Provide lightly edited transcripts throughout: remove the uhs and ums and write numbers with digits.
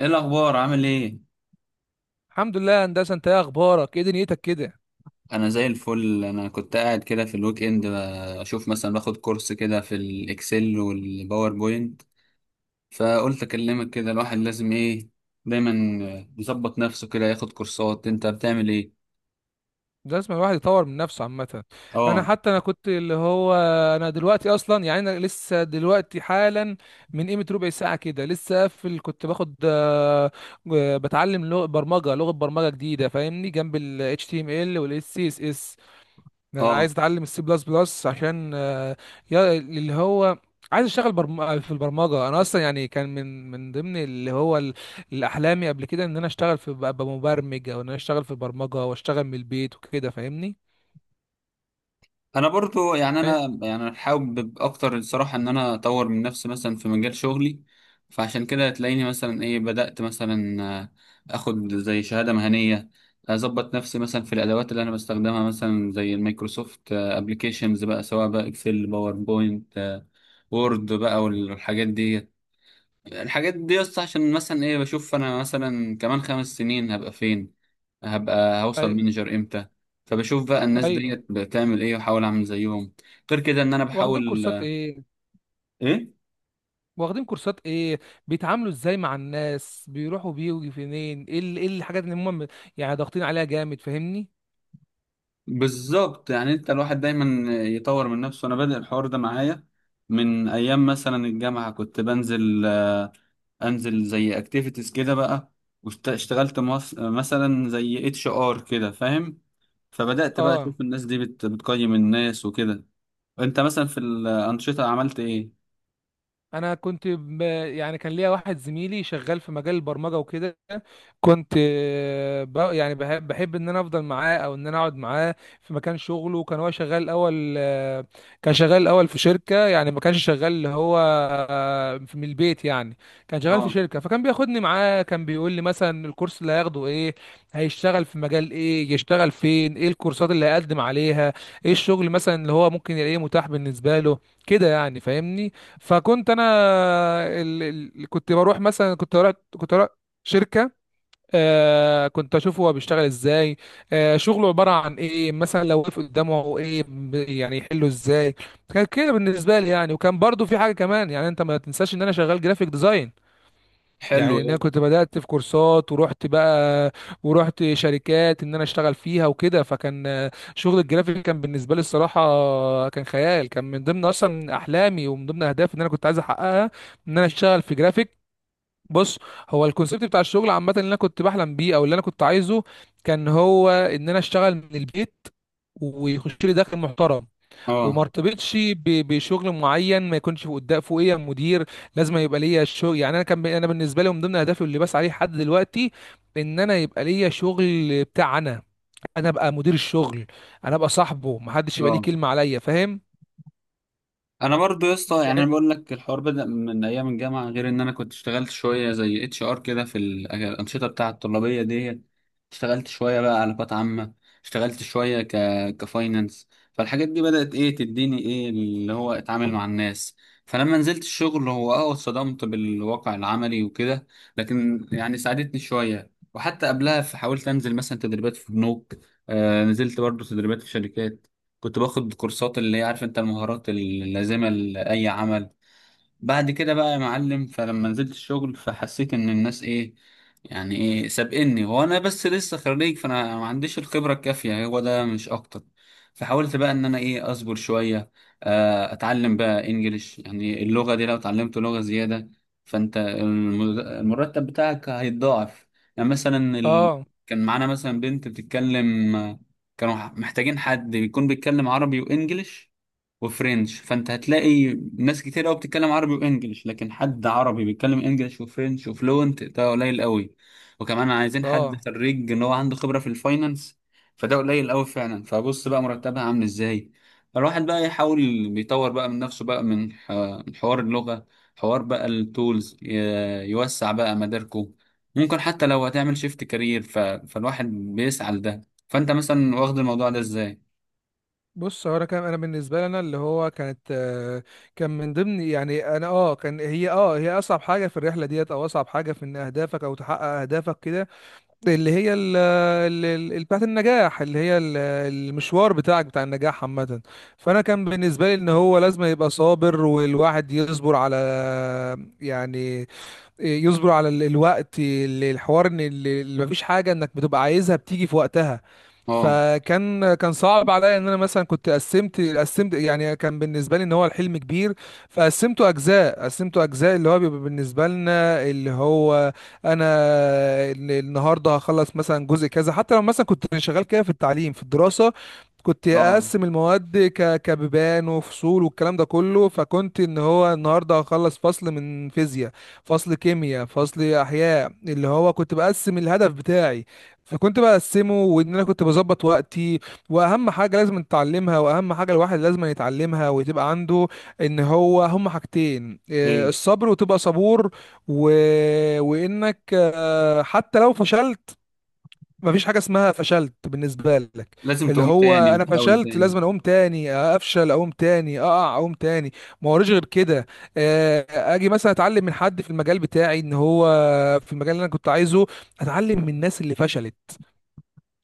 ايه الاخبار؟ عامل ايه؟ الحمد لله يا هندسه. انت ايه اخبارك؟ ايه دنيتك كده؟ انا زي الفل. انا كنت قاعد كده في الويك اند اشوف مثلا باخد كورس كده في الاكسل والباوربوينت. فقلت اكلمك كده. الواحد لازم ايه، دايما يظبط نفسه كده، ياخد كورسات. انت بتعمل ايه؟ لازم الواحد يطور من نفسه عامه. انا اه. حتى انا كنت اللي هو انا دلوقتي اصلا، يعني انا لسه دلوقتي حالا من قيمه ربع ساعه كده لسه قافل، كنت باخد بتعلم لغه برمجه، لغه برمجه جديده، فاهمني، جنب ال HTML وال CSS. انا اه. عايز اتعلم السي بلس بلس عشان يا اللي هو عايز اشتغل في البرمجه. انا اصلا يعني كان من ضمن الاحلامي قبل كده ان انا اشتغل، في ابقى مبرمج، او ان انا اشتغل في البرمجه واشتغل من البيت وكده، فاهمني. انا برضو يعني أي... انا يعني حابب اكتر، الصراحه، ان انا اطور من نفسي مثلا في مجال شغلي. فعشان كده هتلاقيني مثلا ايه، بدات مثلا اخد زي شهاده مهنيه، اظبط نفسي مثلا في الادوات اللي انا بستخدمها مثلا زي المايكروسوفت ابلكيشنز، بقى سواء بقى اكسل، باوربوينت، وورد بقى والحاجات دي. الحاجات دي بس عشان مثلا ايه بشوف انا مثلا كمان 5 سنين هبقى فين، هبقى هوصل أي... مانجر امتى. فبشوف بقى الناس ايوه. ديت بتعمل ايه واحاول اعمل زيهم. غير كده ان انا واخدين بحاول كورسات ايه؟ ايه. واخدين كورسات ايه؟ بيتعاملوا ازاي مع الناس؟ بيروحوا بيجوا فين؟ ايه الحاجات اللي هم يعني ضاغطين عليها جامد، فاهمني. بالظبط، يعني انت الواحد دايما يطور من نفسه. انا بادئ الحوار ده معايا من ايام مثلا الجامعة. كنت انزل زي اكتيفيتيز كده بقى. واشتغلت مثلا زي اتش ار كده، فاهم. فبدأت بقى اه. اشوف الناس دي بتقيم الناس وكده. انت مثلا في الانشطه عملت ايه؟ انا كنت ب... يعني كان ليا واحد زميلي شغال في مجال البرمجه وكده، كنت يعني بحب ان انا افضل معاه او ان انا اقعد معاه في مكان شغله. كان هو شغال الاول، كان شغال الاول في شركه، يعني ما كانش شغال اللي هو آه، في- من البيت يعني، كان شغال في اه. شركه. فكان بياخدني معاه، كان بيقول لي مثلا الكورس اللي هياخده ايه، هيشتغل في مجال ايه، يشتغل فين، ايه الكورسات اللي هيقدم عليها، ايه الشغل مثلا اللي هو ممكن يلاقيه متاح بالنسبه له، كده يعني، فاهمني. فكنت انا كنت بروح مثلا، كنت بروح شركه. آه كنت اشوفه هو بيشتغل ازاي، آه شغله عباره عن ايه، مثلا لو وقف قدامه ايه يعني يحله ازاي. كان كده بالنسبه لي يعني. وكان برضو في حاجه كمان، يعني انت ما تنساش ان انا شغال جرافيك ديزاين، حلو يعني ان ده. انا كنت بدات في كورسات ورحت بقى، ورحت شركات ان انا اشتغل فيها وكده. فكان شغل الجرافيك كان بالنسبه لي الصراحه كان خيال، كان من ضمن اصلا احلامي ومن ضمن اهدافي ان انا كنت عايز احققها، ان انا اشتغل في جرافيك. بص، هو الكونسيبت بتاع الشغل عامه اللي انا كنت بحلم بيه او اللي انا كنت عايزه كان هو ان انا اشتغل من البيت، ويخش لي دخل محترم، وما اه. ارتبطش بشغل معين، ما يكونش قدام فوقيه مدير. لازم يبقى ليا شغل، يعني انا كان انا بالنسبه لي من ضمن اهدافي اللي بسعى عليه لحد دلوقتي ان انا يبقى ليا شغل بتاع انا، انا ابقى مدير الشغل، انا ابقى صاحبه، ما حدش يبقى ليه اه. كلمه عليا، فاهم انا برضو يا اسطى، يعني يعني. انا بقول لك الحوار بدأ من ايام الجامعه. غير ان انا كنت اشتغلت شويه زي اتش ار كده في الانشطه بتاعه الطلابيه دي. اشتغلت شويه بقى علاقات عامه. اشتغلت شويه كفاينانس. فالحاجات دي بدأت ايه تديني، ايه اللي هو اتعامل مع الناس. فلما نزلت الشغل، هو اه اتصدمت بالواقع العملي وكده. لكن يعني ساعدتني شويه. وحتى قبلها فحاولت انزل مثلا تدريبات في بنوك. آه، نزلت برضو تدريبات في شركات. كنت باخد كورسات اللي هي عارف انت، المهارات اللازمة لأي عمل. بعد كده بقى يا معلم، فلما نزلت الشغل فحسيت ان الناس ايه، يعني ايه سابقني وانا بس لسه خريج، فانا ما عنديش الخبره الكافيه هو ده مش اكتر. فحاولت بقى ان انا ايه اصبر شويه، اتعلم بقى انجليش. يعني اللغه دي لو اتعلمت لغه زياده، فانت المرتب بتاعك هيتضاعف. يعني مثلا اه. كان معانا مثلا بنت بتتكلم. كانوا محتاجين حد يكون بيتكلم عربي وانجليش وفرنش. فانت هتلاقي ناس كتير قوي بتتكلم عربي وانجليش، لكن حد عربي بيتكلم انجليش وفرنش وفلوينت ده قليل قوي. وكمان عايزين حد اه. خريج ان هو عنده خبرة في الفاينانس. فده قليل قوي فعلا. فبص بقى مرتبها عامل ازاي. الواحد بقى يحاول بيطور بقى من نفسه بقى، من من حوار اللغة، حوار بقى التولز، يوسع بقى مداركه. ممكن حتى لو هتعمل شيفت كارير، فالواحد بيسعى لده. فانت مثلا واخد الموضوع ده ازاي؟ بص، هو انا كان انا بالنسبه لي انا اللي هو كانت كان من ضمن، يعني انا اه كان هي اصعب حاجه في الرحله ديت، او اصعب حاجه في ان اهدافك او تحقق اهدافك كده، اللي هي بتاعت النجاح، اللي هي المشوار بتاعك بتاع النجاح عامة. فأنا كان بالنسبة لي إن هو لازم يبقى صابر، والواحد يصبر على، يعني يصبروا على الوقت، الحوار ان اللي مفيش حاجه انك بتبقى عايزها بتيجي في وقتها. اه. فكان كان صعب عليا ان انا مثلا كنت قسمت، يعني كان بالنسبه لي ان هو الحلم كبير، فقسمته اجزاء، قسمته اجزاء. اللي هو بيبقى بالنسبه لنا اللي هو انا ال- النهارده هخلص مثلا جزء كذا. حتى لو مثلا كنت شغال كده في التعليم في الدراسه، كنت اه. اقسم المواد كبيبان وفصول والكلام ده كله. فكنت ان هو النهارده هخلص فصل من فيزياء، فصل كيمياء، فصل احياء، اللي هو كنت بقسم الهدف بتاعي. فكنت بقسمه وان انا كنت بظبط وقتي. واهم حاجه لازم نتعلمها، واهم حاجه الواحد لازم يتعلمها وتبقى عنده، ان هو هما حاجتين إيه، ايه. الصبر وتبقى صبور، و... وانك حتى لو فشلت، مفيش حاجه اسمها فشلت بالنسبه لك. لازم اللي تقوم هو تاني انا وتحاول فشلت، تاني. لازم أنا اقوم تاني، افشل اقوم تاني، اقع اقوم تاني، ما وريش غير كده. آه، اجي مثلا اتعلم من حد في المجال بتاعي، ان هو في المجال اللي انا كنت عايزه، اتعلم من الناس اللي فشلت،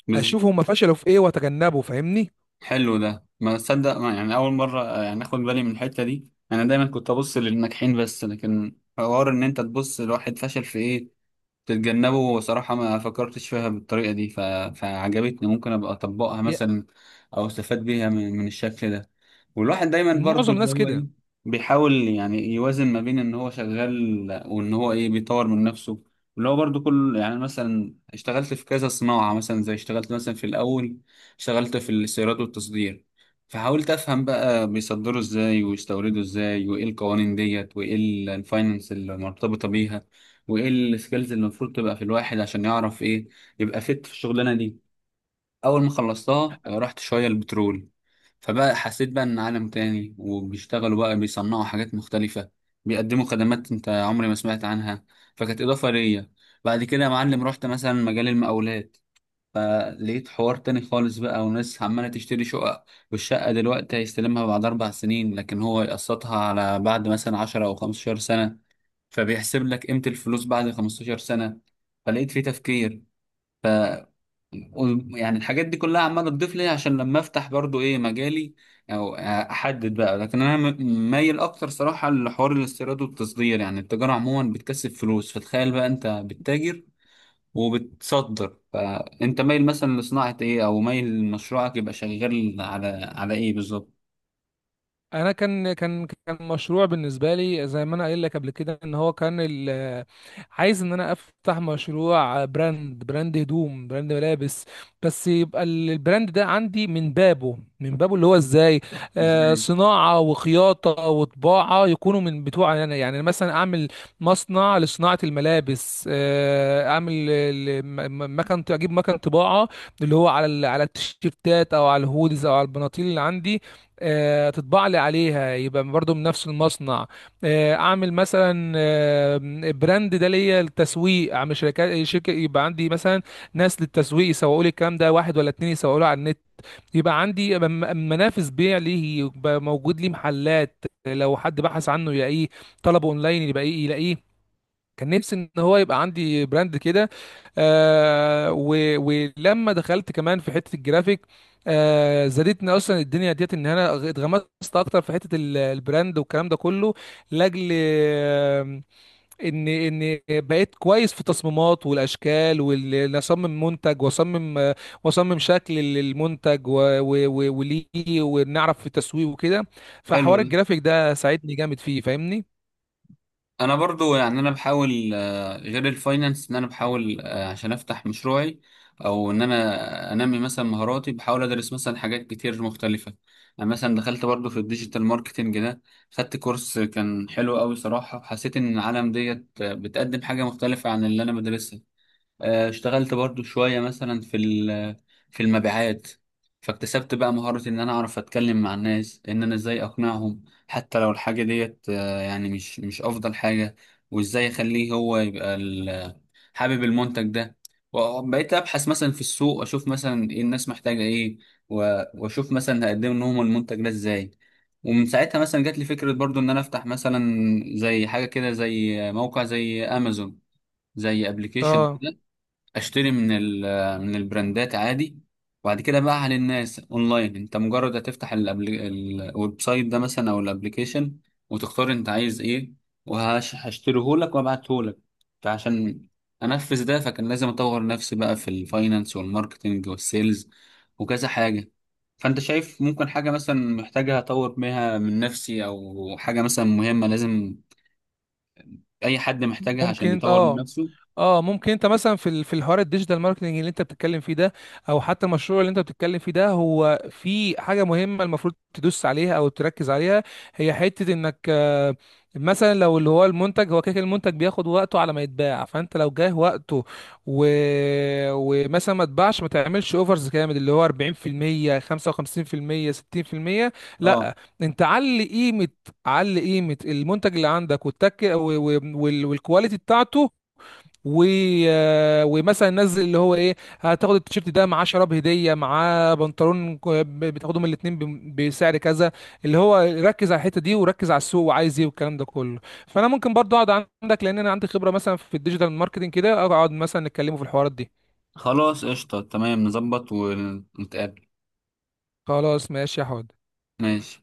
بز... اشوف هم فشلوا في ايه واتجنبه، فاهمني. حلو ده. ما تصدق، ما، يعني اول مره يعني اخد بالي من الحته دي. انا دايما كنت ابص للناجحين بس، لكن حوار ان انت تبص لواحد فشل في ايه تتجنبه، صراحه ما فكرتش فيها بالطريقه دي. فعجبتني، ممكن ابقى اطبقها يا- مثلا، او استفاد بيها من الشكل ده. والواحد دايما برضو معظم اللي الناس هو ايه كده. بيحاول يعني يوازن ما بين ان هو شغال وان هو ايه بيطور من نفسه. اللي هو برضو كل، يعني مثلا اشتغلت في كذا صناعة، مثلا زي اشتغلت مثلا في الاول اشتغلت في الاستيراد والتصدير. فحاولت افهم بقى بيصدروا ازاي ويستوردوا ازاي، وايه القوانين ديت، وايه الفاينانس المرتبطة بيها، وايه السكيلز اللي المفروض تبقى في الواحد عشان يعرف ايه، يبقى فت في الشغلانة دي. اول ما خلصتها رحت شوية البترول. فبقى حسيت بقى ان عالم تاني، وبيشتغلوا بقى بيصنعوا حاجات مختلفة، بيقدموا خدمات انت عمري ما سمعت عنها. فكانت اضافة ليا. بعد كده يا معلم رحت مثلا مجال المقاولات، فلقيت حوار تاني خالص بقى، وناس عمالة تشتري شقق، والشقة دلوقتي هيستلمها بعد 4 سنين، لكن هو يقسطها على بعد مثلا 10 أو 15 سنة. فبيحسب لك قيمة الفلوس بعد 15 سنة. فلقيت فيه تفكير. يعني الحاجات دي كلها عماله تضيف لي عشان لما افتح برضو ايه مجالي او احدد بقى. لكن انا مايل اكتر صراحه لحوار الاستيراد والتصدير. يعني التجاره عموما بتكسب فلوس. فتخيل بقى انت بتتاجر وبتصدر، فانت مايل مثلا لصناعه ايه، او مايل مشروعك يبقى شغال على على ايه بالظبط؟ انا كان مشروع بالنسبه لي، زي ما انا قايل لك قبل كده، ان هو كان عايز ان انا افتح مشروع براند، براند هدوم، براند ملابس. بس يبقى البراند ده عندي من بابه، من بابه. اللي هو ازاي؟ آه ازاي. صناعه وخياطه وطباعه يكونوا من بتوع انا، يعني أنا مثلا اعمل مصنع لصناعه الملابس، آه اعمل مكان، اجيب مكان طباعه اللي هو على على التيشيرتات او على الهودز او على البناطيل اللي عندي، تطبع لي عليها، يبقى برضو من نفس المصنع. اعمل مثلا براند ده ليا للتسويق، اعمل شركه يبقى عندي مثلا ناس للتسويق يسوقوا لي الكلام ده، واحد ولا اتنين يسوقوا له على النت، يبقى عندي منافس بيع ليه، يبقى موجود لي محلات لو حد بحث عنه يلاقيه، طلبه اونلاين يبقى إيه، يلاقيه. كان نفسي ان هو يبقى عندي براند كده. ولما دخلت كمان في حته الجرافيك، آه زادتني اصلا الدنيا ديت ان انا اتغمست اكتر في حته البراند والكلام ده كله، لاجل آه ان ان بقيت كويس في التصميمات والاشكال، وان اصمم منتج، واصمم واصمم شكل للمنتج وليه، ونعرف في التسويق وكده. حلو فحوار ده. الجرافيك ده ساعدني جامد فيه، فاهمني. انا برضو يعني انا بحاول غير الفاينانس ان انا بحاول، عشان افتح مشروعي او ان انا انمي مثلا مهاراتي، بحاول ادرس مثلا حاجات كتير مختلفه. يعني مثلا دخلت برضو في الديجيتال ماركتنج ده، خدت كورس كان حلو قوي، صراحه حسيت ان العالم ديت بتقدم حاجه مختلفه عن اللي انا بدرسها. اشتغلت برضو شوية مثلا في في المبيعات. فاكتسبت بقى مهارة ان انا اعرف اتكلم مع الناس، ان انا ازاي اقنعهم حتى لو الحاجة ديت يعني مش افضل حاجة، وازاي اخليه هو يبقى حابب المنتج ده. وبقيت ابحث مثلا في السوق اشوف مثلا ايه الناس محتاجة ايه، واشوف مثلا هقدم لهم المنتج ده ازاي. ومن ساعتها مثلا جات لي فكرة برضو ان انا افتح مثلا زي حاجة كده، زي موقع زي امازون، زي ابلكيشن. اه. اشتري من من البراندات عادي، وبعد كده بقى للناس اونلاين. انت مجرد هتفتح الويب سايت ده مثلا او الابليكيشن، وتختار انت عايز ايه، وهشتريه لك وابعته لك. فعشان انفذ ده، فكان لازم اطور نفسي بقى في الفاينانس والماركتنج والسيلز وكذا حاجة. فانت شايف ممكن حاجة مثلا محتاجة اطور بيها من نفسي، او حاجة مثلا مهمة لازم اي حد محتاجها ممكن عشان انت يطور من اه نفسه. اه ممكن انت مثلا في في الحوار الديجيتال ماركتنج اللي انت بتتكلم فيه ده، او حتى المشروع اللي انت بتتكلم فيه ده، هو في حاجه مهمه المفروض تدوس عليها او تركز عليها. هي حته انك مثلا لو اللي هو المنتج هو كده كده المنتج بياخد وقته على ما يتباع، فانت لو جاه وقته و... ومثلا ما اتباعش، ما تعملش اوفرز جامد اللي هو 40% 55% 60%. آه. لا، انت علي قيمه، علي قيمه المنتج اللي عندك والتك والكواليتي بتاعته، و... آه، ومثلا نزل اللي هو ايه، هتاخد التيشيرت ده معاه شراب هديه، معاه بنطلون بتاخدهم الاتنين بسعر كذا. اللي هو ركز على الحته دي، وركز على السوق وعايز ايه والكلام ده كله. فانا ممكن برضو اقعد عندك، لان انا عندي خبره مثلا في الديجيتال ماركتنج كده، اقعد مثلا نتكلموا في الحوارات دي. خلاص قشطة، تمام، نظبط ونتقابل. خلاص ماشي يا حواد. ماشي.